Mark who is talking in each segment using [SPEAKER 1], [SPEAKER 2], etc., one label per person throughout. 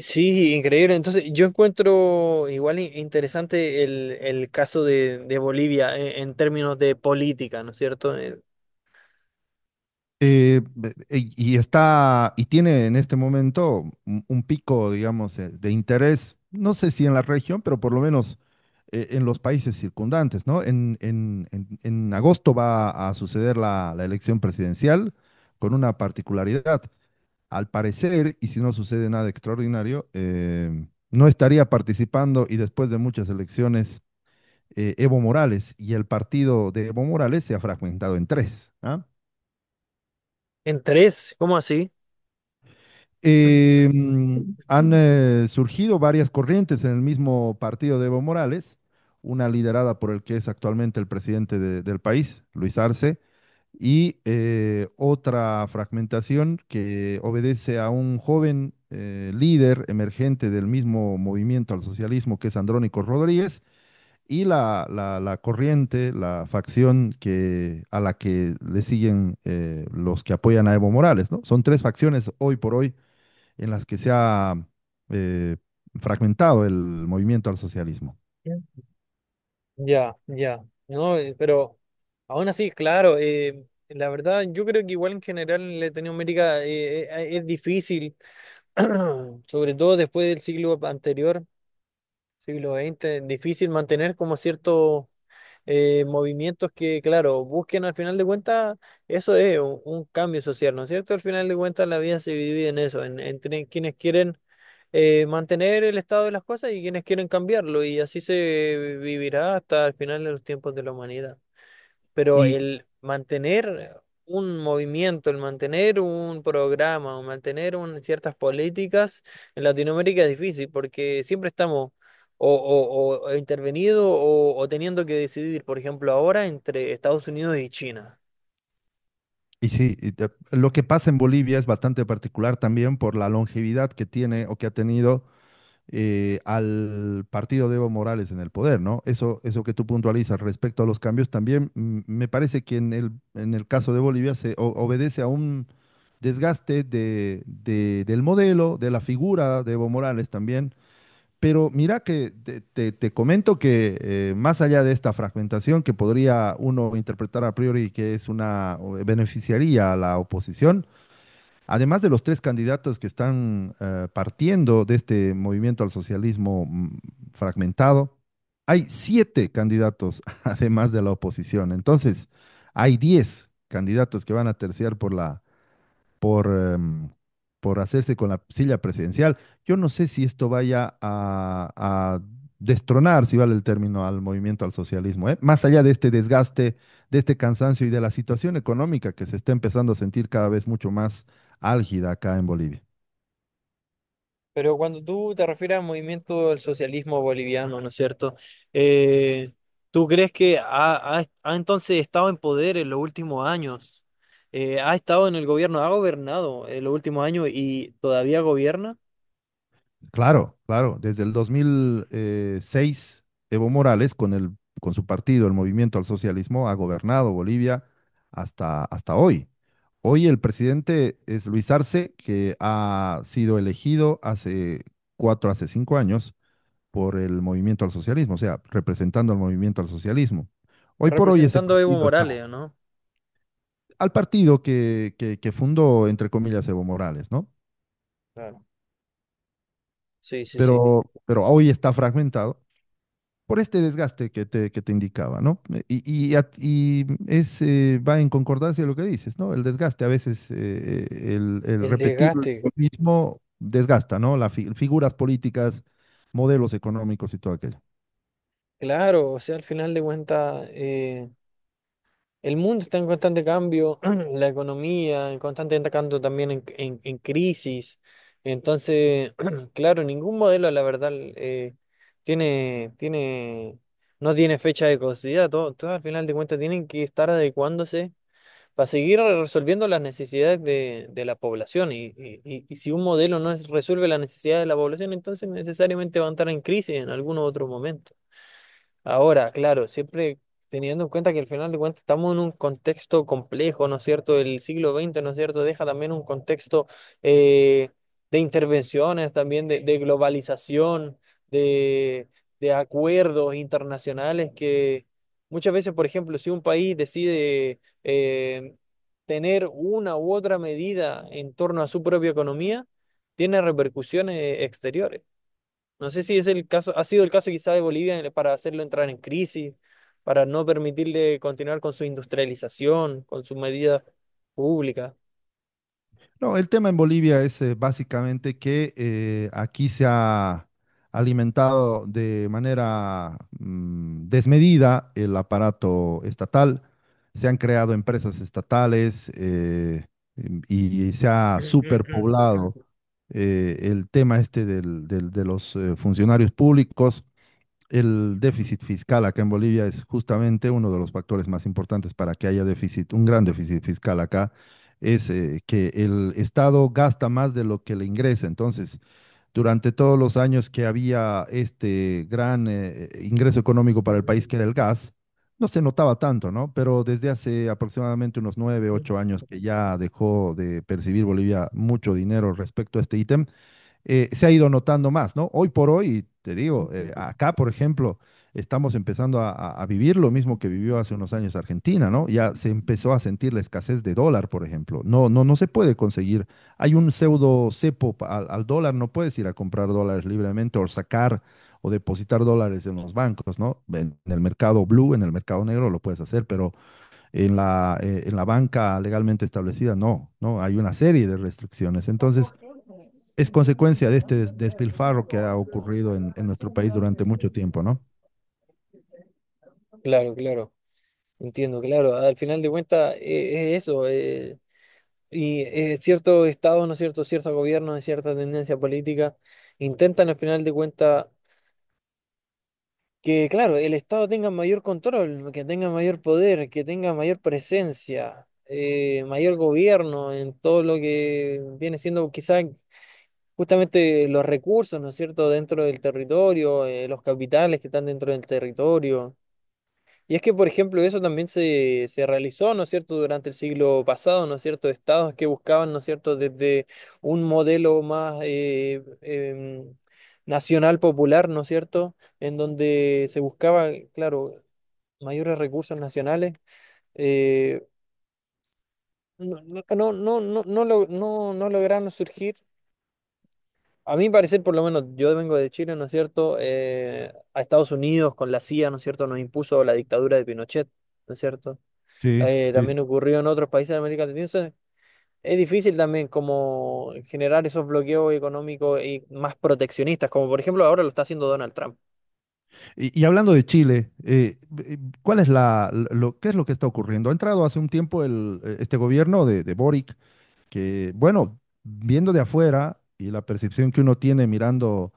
[SPEAKER 1] Sí, increíble. Entonces, yo encuentro igual interesante el caso de Bolivia en términos de política, ¿no es cierto?
[SPEAKER 2] Y está, y tiene en este momento un pico, digamos, de interés, no sé si en la región, pero por lo menos en los países circundantes, ¿no? En agosto va a suceder la elección presidencial con una particularidad. Al parecer, y si no sucede nada extraordinario, no estaría participando y después de muchas elecciones, Evo Morales y el partido de Evo Morales se ha fragmentado en tres, ¿ah?
[SPEAKER 1] En tres, ¿cómo así?
[SPEAKER 2] Eh, mm, Han surgido varias corrientes en el mismo partido de Evo Morales, una liderada por el que es actualmente el presidente del país, Luis Arce, y otra fragmentación que obedece a un joven líder emergente del mismo Movimiento al Socialismo, que es Andrónico Rodríguez, y la corriente, la facción a la que le siguen los que apoyan a Evo Morales, ¿no? Son tres facciones hoy por hoy en las que se ha eh, fragmentado el Movimiento al Socialismo.
[SPEAKER 1] Mm. Ya, ya. No, pero aún así, claro, la verdad, yo creo que igual en general Latinoamérica es difícil, sobre todo después del siglo anterior, siglo XX, difícil mantener como cierto movimientos que, claro, busquen al final de cuentas, eso es un cambio social, ¿no es cierto? Al final de cuentas la vida se divide en eso, en, entre quienes quieren mantener el estado de las cosas y quienes quieren cambiarlo, y así se vivirá hasta el final de los tiempos de la humanidad, pero
[SPEAKER 2] Y,
[SPEAKER 1] el mantener un movimiento, el mantener un programa, o mantener ciertas políticas en Latinoamérica es difícil porque siempre estamos o intervenido o teniendo que decidir, por ejemplo, ahora entre Estados Unidos y China.
[SPEAKER 2] y sí, lo que pasa en Bolivia es bastante particular también por la longevidad que tiene o que ha tenido al partido de Evo Morales en el poder, ¿no? Eso que tú puntualizas respecto a los cambios también, me parece que en el caso de Bolivia obedece a un desgaste del modelo, de la figura de Evo Morales también. Pero mira que te comento que más allá de esta fragmentación que podría uno interpretar a priori que es beneficiaría a la oposición, además de los tres candidatos que están partiendo de este Movimiento al Socialismo, fragmentado, hay siete candidatos además de la oposición. Entonces, hay 10 candidatos que van a terciar por, em, por hacerse con la silla presidencial. Yo no sé si esto vaya a destronar, si vale el término, al Movimiento al Socialismo, ¿eh? Más allá de este desgaste, de este cansancio y de la situación económica que se está empezando a sentir cada vez mucho más álgida acá en Bolivia.
[SPEAKER 1] Pero cuando tú te refieres al movimiento del socialismo boliviano, ¿no es cierto? Eh, ¿Tú crees que ha entonces estado en poder en los últimos años? ¿Ha estado en el gobierno? ¿Ha gobernado en los últimos años y todavía gobierna?
[SPEAKER 2] Claro, claro. Desde el 2006, Evo Morales, con su partido, el Movimiento al Socialismo, ha gobernado Bolivia hasta hoy. Hoy el presidente es Luis Arce, que ha sido elegido hace cuatro, hace 5 años por el Movimiento al Socialismo, o sea, representando al Movimiento al Socialismo. Hoy por hoy ese
[SPEAKER 1] Representando a Evo
[SPEAKER 2] partido está
[SPEAKER 1] Morales, ¿o no?
[SPEAKER 2] al partido que fundó, entre comillas, Evo Morales, ¿no?
[SPEAKER 1] Claro. Sí, sí, sí.
[SPEAKER 2] Pero hoy está fragmentado por este desgaste que te indicaba, ¿no? Y, y va en concordancia de lo que dices, ¿no? El desgaste, a veces, el
[SPEAKER 1] El
[SPEAKER 2] repetir lo
[SPEAKER 1] desgaste,
[SPEAKER 2] mismo desgasta, ¿no? Las figuras políticas, modelos económicos y todo aquello.
[SPEAKER 1] claro, o sea, al final de cuentas, el mundo está en constante cambio, la economía en constante cambio también en, en crisis. Entonces, claro, ningún modelo, la verdad, tiene, no tiene fecha de caducidad. Todos, al final de cuentas, tienen que estar adecuándose para seguir resolviendo las necesidades de la población. Y si un modelo no es- resuelve las necesidades de la población, entonces necesariamente van a estar en crisis en algún otro momento. Ahora, claro, siempre teniendo en cuenta que al final de cuentas estamos en un contexto complejo, ¿no es cierto? El siglo XX, ¿no es cierto? Deja también un contexto, eh, de intervenciones, también de globalización, de, de acuerdos internacionales que muchas veces, por ejemplo, si un país decide tener una u otra medida en torno a su propia economía, tiene repercusiones exteriores. No sé si es el caso, ha sido el caso quizá de Bolivia para hacerlo entrar en crisis, para no permitirle continuar con su industrialización, con sus medidas públicas.
[SPEAKER 2] No, el tema en Bolivia es, básicamente, que aquí se ha alimentado de manera desmedida el aparato estatal, se han creado empresas estatales, y se ha superpoblado el tema este de los funcionarios públicos. El déficit fiscal acá en Bolivia es justamente uno de los factores más importantes para que haya déficit, un gran déficit fiscal acá, es que el Estado gasta más de lo que le ingresa. Entonces, durante todos los años que había este gran, ingreso económico para el país, que era el gas, no se notaba tanto, ¿no? Pero desde hace aproximadamente unos nueve, 8 años que ya dejó de percibir Bolivia mucho dinero respecto a este ítem, se ha ido notando más, ¿no? Hoy por hoy, te digo, acá, por ejemplo, estamos empezando a vivir lo mismo que vivió hace unos años Argentina, ¿no? Ya se empezó a sentir la escasez de dólar, por ejemplo. No, no, no se puede conseguir. Hay un pseudo cepo al dólar, no puedes ir a comprar dólares libremente o sacar o depositar dólares en los bancos, ¿no? En el mercado blue, en el mercado negro lo puedes hacer, pero en la banca legalmente establecida, no, no, hay una serie de restricciones. Entonces, es consecuencia de este despilfarro que ha ocurrido en nuestro país durante mucho tiempo, ¿no?
[SPEAKER 1] Claro, claro, entiendo, claro. Al final de cuentas, es eso. Y ciertos estados, ¿no es cierto? Ciertos gobiernos de cierta tendencia política intentan al final de cuentas que, claro, el Estado tenga mayor control, que tenga mayor poder, que tenga mayor presencia, mayor gobierno en todo lo que viene siendo quizás justamente los recursos, ¿no es cierto?, dentro del territorio, los capitales que están dentro del territorio. Y es que, por ejemplo, eso también se realizó, ¿no es cierto?, durante el siglo pasado, ¿no es cierto?, estados que buscaban, ¿no es cierto?, desde un modelo más nacional popular, ¿no es cierto?, en donde se buscaba, claro, mayores recursos nacionales, eh, no, no, no, no, no, no lo- no, no lograron surgir. A mi parecer, por lo menos, yo vengo de Chile, ¿no es cierto?, a Estados Unidos con la CIA, ¿no es cierto?, nos impuso la dictadura de Pinochet, ¿no es cierto?
[SPEAKER 2] Sí,
[SPEAKER 1] Eh,
[SPEAKER 2] sí.
[SPEAKER 1] también ocurrió en otros países de América Latina. Entonces, es difícil también como generar esos bloqueos económicos y más proteccionistas, como por ejemplo ahora lo está haciendo Donald Trump.
[SPEAKER 2] Y hablando de Chile, eh, ¿cuál es qué es lo que está ocurriendo? Ha entrado hace un tiempo este gobierno de Boric que, bueno, viendo de afuera y la percepción que uno tiene mirando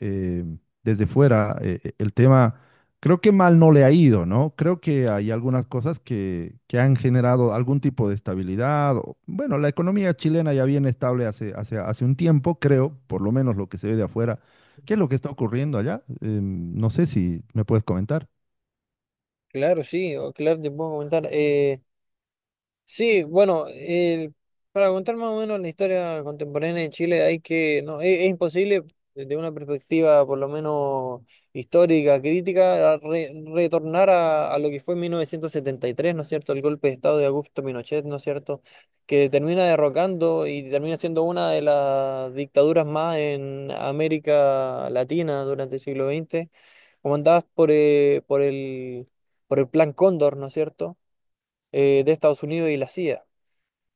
[SPEAKER 2] eh, desde fuera, el tema, creo que mal no le ha ido, ¿no? Creo que hay algunas cosas que han generado algún tipo de estabilidad. Bueno, la economía chilena ya viene estable hace un tiempo, creo, por lo menos lo que se ve de afuera. ¿Qué es lo que está ocurriendo allá? No sé si me puedes comentar.
[SPEAKER 1] Claro, sí, claro, te puedo comentar. Sí, bueno, para contar más o menos la historia contemporánea de Chile hay que, no, es imposible desde una perspectiva por lo menos histórica, crítica, a retornar a lo que fue en 1973, ¿no es cierto? El golpe de Estado de Augusto Pinochet, ¿no es cierto? Que termina derrocando y termina siendo una de las dictaduras más en América Latina durante el siglo XX, comandadas por el Plan Cóndor, ¿no es cierto? Eh, de Estados Unidos y la CIA.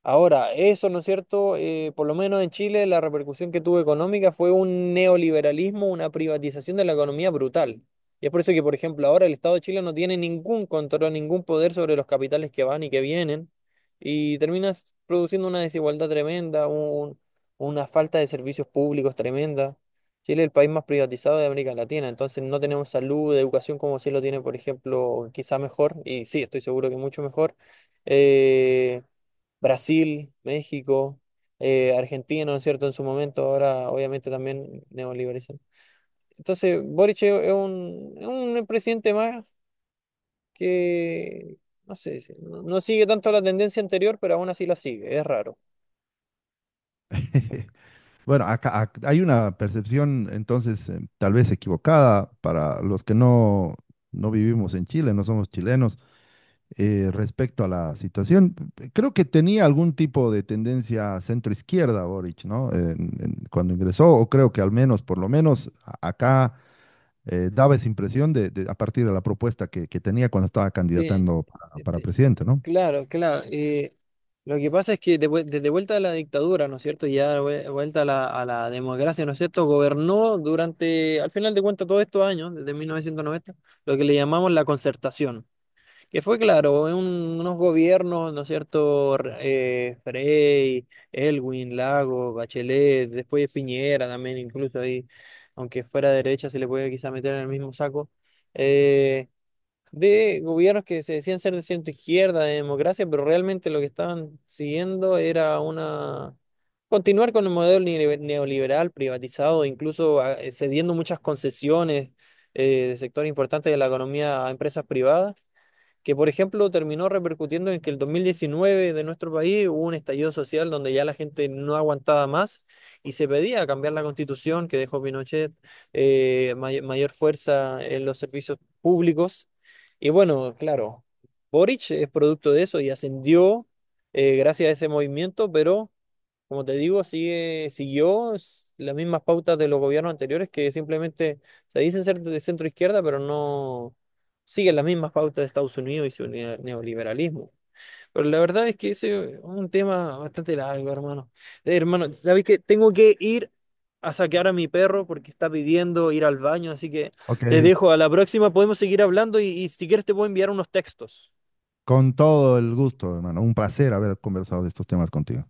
[SPEAKER 1] Ahora, eso, ¿no es cierto? Por lo menos en Chile la repercusión que tuvo económica fue un neoliberalismo, una privatización de la economía brutal. Y es por eso que, por ejemplo, ahora el Estado de Chile no tiene ningún control, ningún poder sobre los capitales que van y que vienen. Y terminas produciendo una desigualdad tremenda, una falta de servicios públicos tremenda. Chile es el país más privatizado de América Latina, entonces no tenemos salud, educación como sí lo tiene, por ejemplo, quizá mejor, y sí, estoy seguro que mucho mejor. Eh, Brasil, México, Argentina, ¿no es cierto? En su momento, ahora obviamente también neoliberalizan. Entonces, Boric es es un presidente más que, no sé, no sigue tanto la tendencia anterior, pero aún así la sigue, es raro.
[SPEAKER 2] Bueno, hay una percepción, entonces, tal vez equivocada, para los que no vivimos en Chile, no somos chilenos, respecto a la situación. Creo que tenía algún tipo de tendencia centro-izquierda Boric, ¿no? Cuando ingresó, o creo que al menos, por lo menos acá daba esa impresión a partir de la propuesta que tenía cuando estaba
[SPEAKER 1] Bien,
[SPEAKER 2] candidatando para
[SPEAKER 1] este,
[SPEAKER 2] presidente, ¿no?
[SPEAKER 1] claro, claro. Eh, lo que pasa es que de desde vuelta a la dictadura, ¿no es cierto? Y ya vuelta a la democracia, ¿no es cierto? Gobernó durante, al final de cuentas, todos estos años, desde 1990, lo que le llamamos la concertación, que fue claro, en unos gobiernos, ¿no es cierto? Frey, Elwin, Lago, Bachelet, después de Piñera también, incluso ahí, aunque fuera derecha, se le puede quizá meter en el mismo saco, eh, de gobiernos que se decían ser de centro izquierda, de democracia, pero realmente lo que estaban siguiendo era una... Continuar con el modelo neoliberal privatizado, incluso cediendo muchas concesiones, de sectores importantes de la economía a empresas privadas, que por ejemplo terminó repercutiendo en que el 2019 de nuestro país hubo un estallido social donde ya la gente no aguantaba más y se pedía cambiar la constitución que dejó Pinochet, mayor fuerza en los servicios públicos. Y bueno, claro, Boric es producto de eso y ascendió, gracias a ese movimiento, pero como te digo, sigue, las mismas pautas de los gobiernos anteriores que simplemente se dicen ser de centro izquierda, pero no siguen las mismas pautas de Estados Unidos y su neoliberalismo. Pero la verdad es que ese es un tema bastante largo, hermano. Hermano, ¿sabes qué? Tengo que ir a sacar a mi perro porque está pidiendo ir al baño, así que
[SPEAKER 2] Ok,
[SPEAKER 1] te dejo. A la próxima podemos seguir hablando y si quieres te puedo enviar unos textos.
[SPEAKER 2] con todo el gusto, hermano. Un placer haber conversado de estos temas contigo.